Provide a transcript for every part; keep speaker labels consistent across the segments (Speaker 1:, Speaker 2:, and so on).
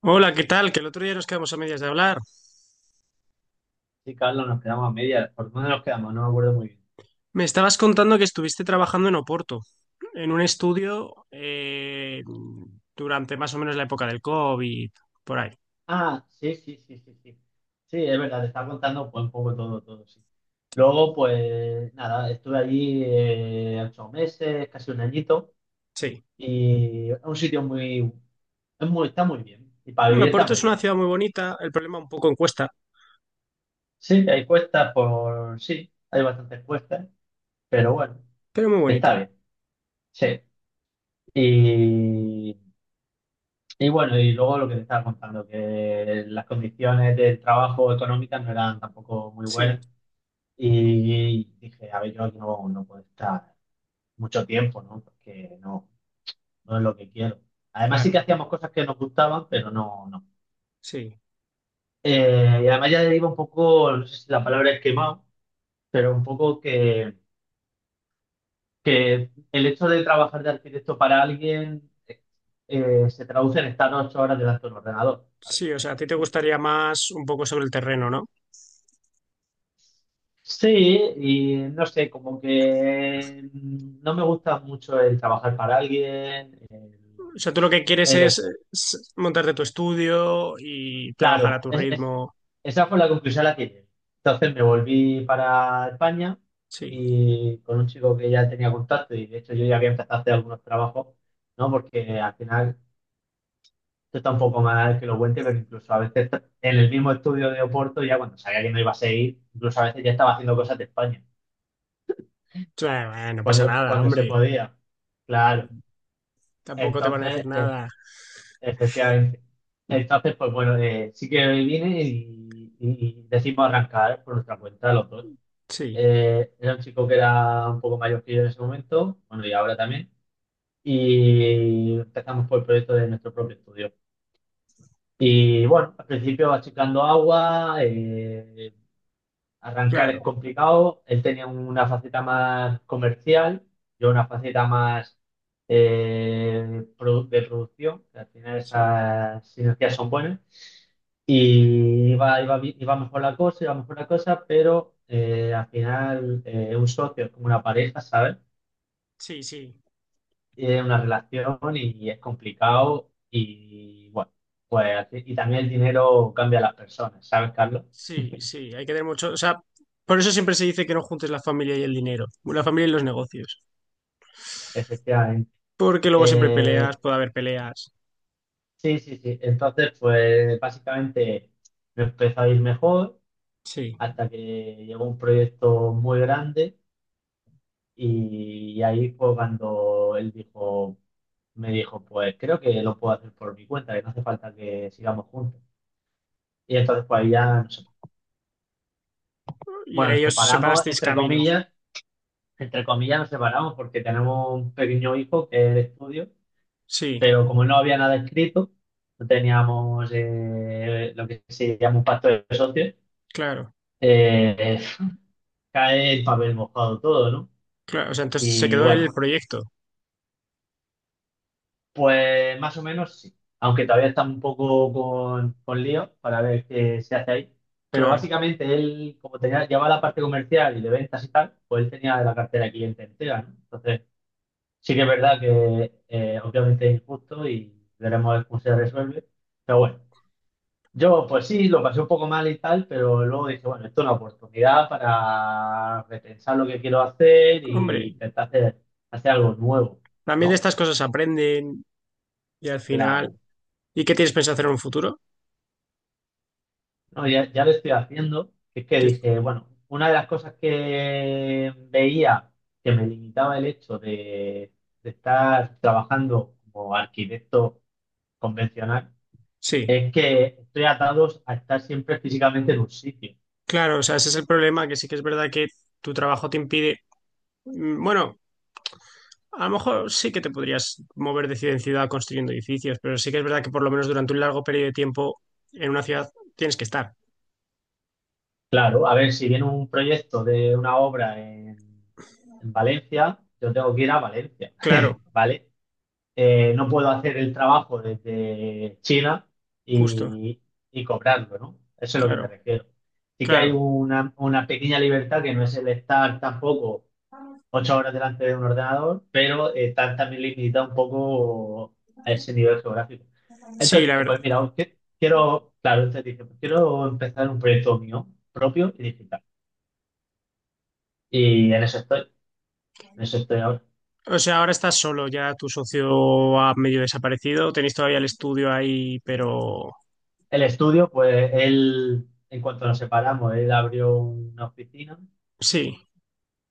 Speaker 1: Hola, ¿qué tal? Que el otro día nos quedamos a medias de hablar.
Speaker 2: Sí, Carlos, nos quedamos a media. ¿Por dónde nos quedamos? No me acuerdo muy bien.
Speaker 1: Me estabas contando que estuviste trabajando en Oporto, en un estudio durante más o menos la época del COVID, por ahí.
Speaker 2: Ah, sí, sí, sí, sí, sí. Sí, es verdad, te estaba contando pues, un poco todo, todo, sí. Luego, pues nada, estuve allí 8 meses, casi un añito,
Speaker 1: Sí.
Speaker 2: y es un sitio muy, es muy, está muy bien, y para
Speaker 1: Hombre,
Speaker 2: vivir está
Speaker 1: Oporto
Speaker 2: muy
Speaker 1: es una
Speaker 2: bien.
Speaker 1: ciudad muy bonita, el problema un poco en cuesta,
Speaker 2: Sí, sí, hay bastantes cuestas, pero bueno,
Speaker 1: pero muy
Speaker 2: está
Speaker 1: bonita.
Speaker 2: bien, sí. Y Y bueno, y luego lo que te estaba contando, que las condiciones de trabajo económicas no eran tampoco muy
Speaker 1: Sí,
Speaker 2: buenas. Y dije, a ver, yo aquí no puedo estar mucho tiempo, ¿no? Porque no es lo que quiero. Además sí que
Speaker 1: claro,
Speaker 2: hacíamos cosas que nos gustaban, pero no, no.
Speaker 1: sí.
Speaker 2: Y además ya iba un poco, no sé si la palabra es quemado, pero un poco que el hecho de trabajar de arquitecto para alguien se traduce en estar 8 horas delante de un ordenador, ¿sabes?
Speaker 1: Sí, o sea, a ti te gustaría más un poco sobre el terreno, ¿no?
Speaker 2: Sí, y no sé, como que no me gusta mucho el trabajar para alguien.
Speaker 1: O sea, tú lo que quieres
Speaker 2: el-
Speaker 1: es,
Speaker 2: el-
Speaker 1: montarte tu estudio y trabajar a
Speaker 2: claro,
Speaker 1: tu ritmo.
Speaker 2: esa fue la conclusión a la que llegué. Entonces me volví para España
Speaker 1: Sí.
Speaker 2: y con un chico que ya tenía contacto y de hecho yo ya había empezado a hacer algunos trabajos, ¿no? Porque al final, esto está un poco mal que lo cuente, pero incluso a veces en el mismo estudio de Oporto, ya cuando sabía que no iba a seguir, incluso a veces ya estaba haciendo cosas de España,
Speaker 1: Claro, bueno, no pasa
Speaker 2: cuando,
Speaker 1: nada,
Speaker 2: cuando se
Speaker 1: hombre.
Speaker 2: podía. Claro.
Speaker 1: Tampoco te van a decir
Speaker 2: Entonces,
Speaker 1: nada.
Speaker 2: efectivamente. Entonces, pues bueno, sí que vine y decidimos arrancar por nuestra cuenta los dos.
Speaker 1: Sí,
Speaker 2: Era un chico que era un poco mayor que yo en ese momento, bueno, y ahora también. Y empezamos por el proyecto de nuestro propio estudio. Y bueno, al principio achicando agua. Arrancar es
Speaker 1: claro.
Speaker 2: complicado. Él tenía una faceta más comercial, yo una faceta más de producción, que al final
Speaker 1: Sí,
Speaker 2: esas sinergias son buenas. Y iba mejor la cosa, iba mejor la cosa, pero al final un socio es como una pareja, ¿sabes?
Speaker 1: sí, sí,
Speaker 2: Es una relación y es complicado. Y bueno, pues y también el dinero cambia a las personas, ¿sabes, Carlos?
Speaker 1: sí, sí. Hay que tener mucho. O sea, por eso siempre se dice que no juntes la familia y el dinero, la familia y los negocios.
Speaker 2: Efectivamente.
Speaker 1: Porque luego siempre hay
Speaker 2: Eh,
Speaker 1: peleas, puede haber peleas.
Speaker 2: Sí, sí, sí. Entonces, pues básicamente me empezó a ir mejor
Speaker 1: Sí.
Speaker 2: hasta que llegó un proyecto muy grande y ahí fue cuando él dijo, me dijo, pues creo que lo puedo hacer por mi cuenta, que no hace falta que sigamos juntos. Y entonces, pues ahí ya nos,
Speaker 1: Y
Speaker 2: bueno,
Speaker 1: ahí
Speaker 2: nos
Speaker 1: os
Speaker 2: separamos,
Speaker 1: separasteis caminos.
Speaker 2: entre comillas nos separamos porque tenemos un pequeño hijo que es de estudio,
Speaker 1: Sí,
Speaker 2: pero como no había nada escrito, no teníamos lo que se llama un pacto de socios.
Speaker 1: claro,
Speaker 2: Eh, Cae el papel mojado todo, ¿no?
Speaker 1: claro. O sea, entonces se
Speaker 2: Y
Speaker 1: quedó el
Speaker 2: bueno,
Speaker 1: proyecto.
Speaker 2: pues más o menos sí. Aunque todavía está un poco con lío para ver qué se hace ahí. Pero
Speaker 1: Claro.
Speaker 2: básicamente él, como tenía, llevaba la parte comercial y de ventas y tal, pues él tenía la cartera de cliente entera, ¿no? Entonces, sí que es verdad que obviamente es injusto y veremos cómo se resuelve. Pero bueno. Yo, pues sí, lo pasé un poco mal y tal, pero luego dije, bueno, esto es una oportunidad para repensar lo que quiero hacer y
Speaker 1: Hombre,
Speaker 2: intentar hacer algo nuevo,
Speaker 1: también de
Speaker 2: ¿no?
Speaker 1: estas cosas aprenden y al final.
Speaker 2: Claro.
Speaker 1: ¿Y qué tienes pensado hacer en un futuro?
Speaker 2: No, ya, ya lo estoy haciendo. Es que
Speaker 1: Que-
Speaker 2: dije, bueno, una de las cosas que veía que me limitaba el hecho de estar trabajando como arquitecto convencional
Speaker 1: Sí,
Speaker 2: es que estoy atado a estar siempre físicamente en un sitio.
Speaker 1: claro. O sea, ese es el problema, que sí que es verdad que tu trabajo te impide. Bueno. A lo mejor sí que te podrías mover de ciudad en ciudad construyendo edificios, pero sí que es verdad que por lo menos durante un largo periodo de tiempo en una ciudad tienes que estar.
Speaker 2: Claro, a ver, si viene un proyecto de una obra en Valencia, yo tengo que ir a Valencia,
Speaker 1: Claro,
Speaker 2: ¿vale? No puedo hacer el trabajo desde China
Speaker 1: justo,
Speaker 2: y, y cobrarlo, ¿no? Eso es lo que me
Speaker 1: claro,
Speaker 2: refiero. Sí que hay
Speaker 1: claro.
Speaker 2: una pequeña libertad que no es el estar tampoco 8 horas delante de un ordenador, pero está también limitada un poco a ese nivel geográfico.
Speaker 1: Sí,
Speaker 2: Entonces
Speaker 1: la
Speaker 2: dije,
Speaker 1: verdad.
Speaker 2: pues mira, quiero, claro, entonces dije, pues quiero empezar un proyecto mío propio y digital. Y en eso estoy ahora.
Speaker 1: O sea, ahora estás solo, ya tu socio ha medio desaparecido, tenéis todavía el estudio ahí, pero
Speaker 2: El estudio, pues él, en cuanto nos separamos, él abrió una oficina
Speaker 1: sí,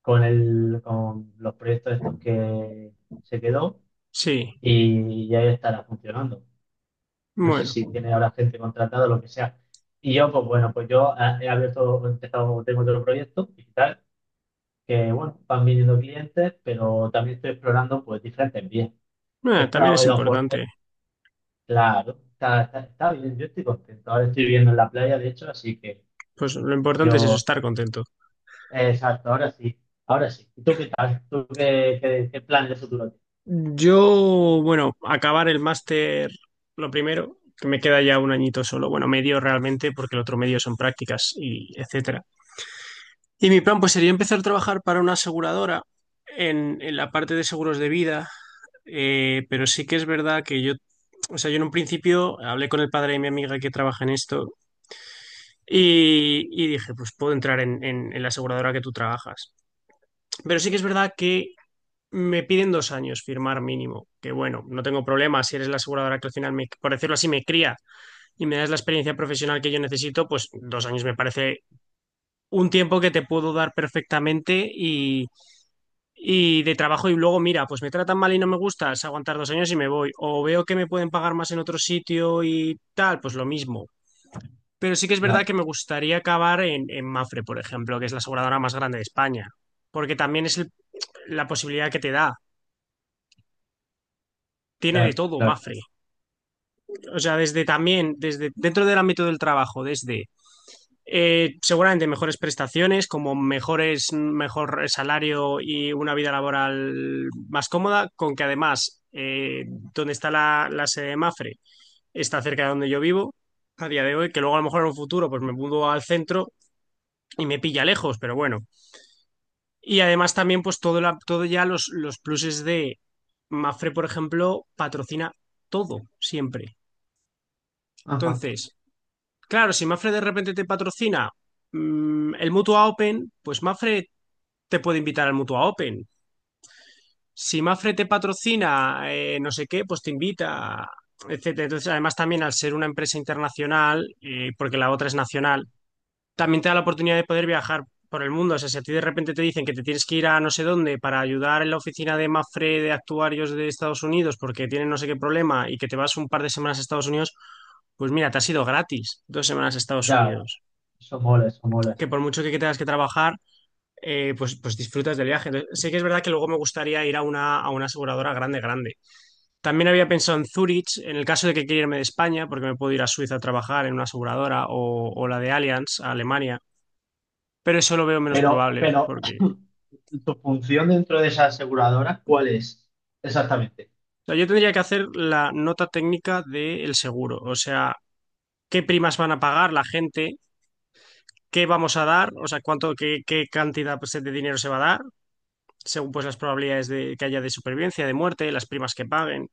Speaker 2: con los proyectos estos que se quedó
Speaker 1: sí.
Speaker 2: y ya estará funcionando. No sé
Speaker 1: Bueno,
Speaker 2: si tiene ahora gente contratada o lo que sea. Y yo, pues bueno, pues yo he abierto, he empezado, tengo otro proyecto digital, que bueno, van viniendo clientes, pero también estoy explorando pues diferentes vías. He
Speaker 1: también
Speaker 2: estado,
Speaker 1: es
Speaker 2: he dado for-
Speaker 1: importante.
Speaker 2: Claro, está bien, yo estoy contento. Ahora estoy viviendo en la playa, de hecho, así que
Speaker 1: Pues lo importante es eso,
Speaker 2: yo,
Speaker 1: estar contento.
Speaker 2: exacto, ahora sí, ahora sí. ¿Y tú qué tal? ¿Tú qué plan de futuro tienes?
Speaker 1: Yo, bueno, acabar el máster lo primero, que me queda ya un añito solo, bueno, medio realmente, porque el otro medio son prácticas y etcétera. Y mi plan pues sería empezar a trabajar para una aseguradora en la parte de seguros de vida, pero sí que es verdad que yo, o sea, yo en un principio hablé con el padre de mi amiga que trabaja en esto y dije, pues puedo entrar en la aseguradora que tú trabajas. Pero sí que es verdad que me piden 2 años firmar mínimo, que bueno, no tengo problema si eres la aseguradora que al final, me, por decirlo así, me cría y me das la experiencia profesional que yo necesito, pues 2 años me parece un tiempo que te puedo dar perfectamente y de trabajo y luego, mira, pues me tratan mal y no me gusta, es aguantar 2 años y me voy, o veo que me pueden pagar más en otro sitio y tal, pues lo mismo. Pero sí que es verdad
Speaker 2: Claro,
Speaker 1: que me gustaría acabar en Mafre, por ejemplo, que es la aseguradora más grande de España, porque también es la posibilidad que te da, tiene de
Speaker 2: claro,
Speaker 1: todo
Speaker 2: claro.
Speaker 1: Mafre. O sea, desde también, desde dentro del ámbito del trabajo, desde seguramente mejores prestaciones, como mejores, mejor salario y una vida laboral más cómoda, con que además donde está la sede de Mafre está cerca de donde yo vivo a día de hoy, que luego a lo mejor en un futuro pues me mudo al centro y me pilla lejos, pero bueno. Y además también pues todo, todo ya los pluses de Mafre, por ejemplo, patrocina todo siempre.
Speaker 2: Ajá,
Speaker 1: Entonces, claro, si Mafre de repente te patrocina el Mutua Open, pues Mafre te puede invitar al Mutua Open. Si Mafre te patrocina no sé qué, pues te invita, etcétera. Entonces, además también al ser una empresa internacional, porque la otra es nacional, también te da la oportunidad de poder viajar por el mundo. O sea, si a ti de repente te dicen que te tienes que ir a no sé dónde para ayudar en la oficina de Mafre de actuarios de Estados Unidos porque tienen no sé qué problema y que te vas un par de semanas a Estados Unidos, pues mira, te has ido gratis 2 semanas a Estados
Speaker 2: ya,
Speaker 1: Unidos.
Speaker 2: eso mola,
Speaker 1: Que
Speaker 2: sí.
Speaker 1: por mucho que tengas que trabajar, pues disfrutas del viaje. Entonces, sí que es verdad que luego me gustaría ir a una aseguradora grande, grande. También había pensado en Zurich, en el caso de que quiera irme de España, porque me puedo ir a Suiza a trabajar en una aseguradora o la de Allianz, a Alemania. Pero eso lo veo menos
Speaker 2: Pero,
Speaker 1: probable,
Speaker 2: pero,
Speaker 1: porque
Speaker 2: ¿tu función dentro de esa aseguradora cuál es? Exactamente.
Speaker 1: o sea, yo tendría que hacer la nota técnica del seguro. O sea, qué primas van a pagar la gente, qué vamos a dar, o sea, cuánto, qué cantidad pues, de dinero se va a dar, según pues las probabilidades de que haya de supervivencia, de muerte, las primas que paguen.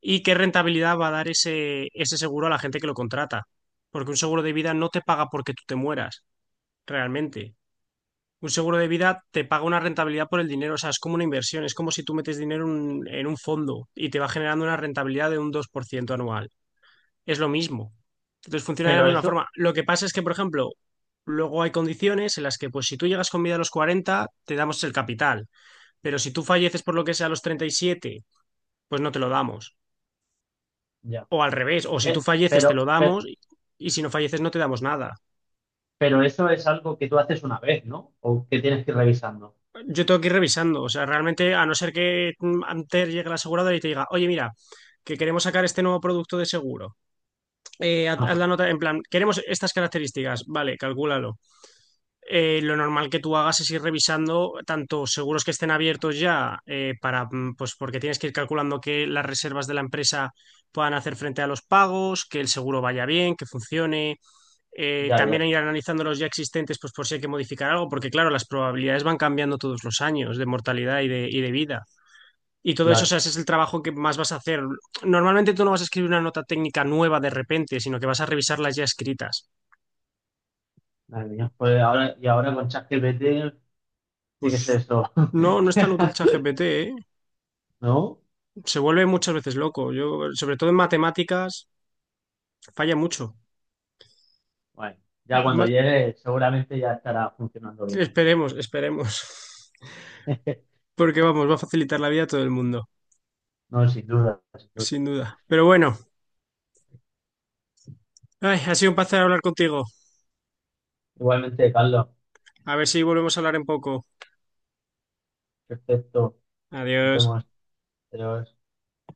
Speaker 1: Y qué rentabilidad va a dar ese seguro a la gente que lo contrata. Porque un seguro de vida no te paga porque tú te mueras, realmente. Un seguro de vida te paga una rentabilidad por el dinero, o sea, es como una inversión, es como si tú metes dinero en un fondo y te va generando una rentabilidad de un 2% anual. Es lo mismo. Entonces funciona de la
Speaker 2: Pero
Speaker 1: misma
Speaker 2: eso,
Speaker 1: forma. Lo que pasa es que, por ejemplo, luego hay condiciones en las que, pues, si tú llegas con vida a los 40, te damos el capital, pero si tú falleces por lo que sea a los 37, pues no te lo damos.
Speaker 2: ya.
Speaker 1: O al revés, o si tú
Speaker 2: Pe-
Speaker 1: falleces te lo
Speaker 2: Pero, pe-
Speaker 1: damos y si no falleces no te damos nada.
Speaker 2: pero, eso es algo que tú haces una vez, ¿no? O que tienes que ir revisando.
Speaker 1: Yo tengo que ir revisando, o sea, realmente a no ser que antes llegue la aseguradora y te diga, oye, mira, que queremos sacar este nuevo producto de seguro, haz la
Speaker 2: Ajá,
Speaker 1: nota en plan, queremos estas características, vale, calcúlalo. Lo normal que tú hagas es ir revisando tanto seguros que estén abiertos ya para, pues porque tienes que ir calculando que las reservas de la empresa puedan hacer frente a los pagos, que el seguro vaya bien, que funcione,
Speaker 2: ya,
Speaker 1: también
Speaker 2: ya,
Speaker 1: ir analizando los ya existentes, pues por si hay que modificar algo, porque claro, las probabilidades van cambiando todos los años de mortalidad y de vida. Y todo eso, o sea,
Speaker 2: claro.
Speaker 1: ese es el trabajo que más vas a hacer. Normalmente tú no vas a escribir una nota técnica nueva de repente, sino que vas a revisar las ya escritas.
Speaker 2: Madre mía, pues ahora, y ahora con ChatGPT tiene que ser
Speaker 1: Pues
Speaker 2: esto.
Speaker 1: no, no es tan útil ChatGPT, ¿eh?
Speaker 2: ¿No?
Speaker 1: Se vuelve muchas veces loco. Yo, sobre todo en matemáticas, falla mucho.
Speaker 2: Bueno, ya cuando
Speaker 1: Ma-
Speaker 2: llegue seguramente ya estará funcionando bien.
Speaker 1: esperemos, esperemos. Porque vamos, va a facilitar la vida a todo el mundo,
Speaker 2: No, sin duda, sin duda.
Speaker 1: sin duda. Pero bueno, ay, ha sido un placer hablar contigo.
Speaker 2: Igualmente, Carlos,
Speaker 1: A ver si volvemos a hablar en poco.
Speaker 2: perfecto. Nos
Speaker 1: Adiós.
Speaker 2: vemos. Adiós.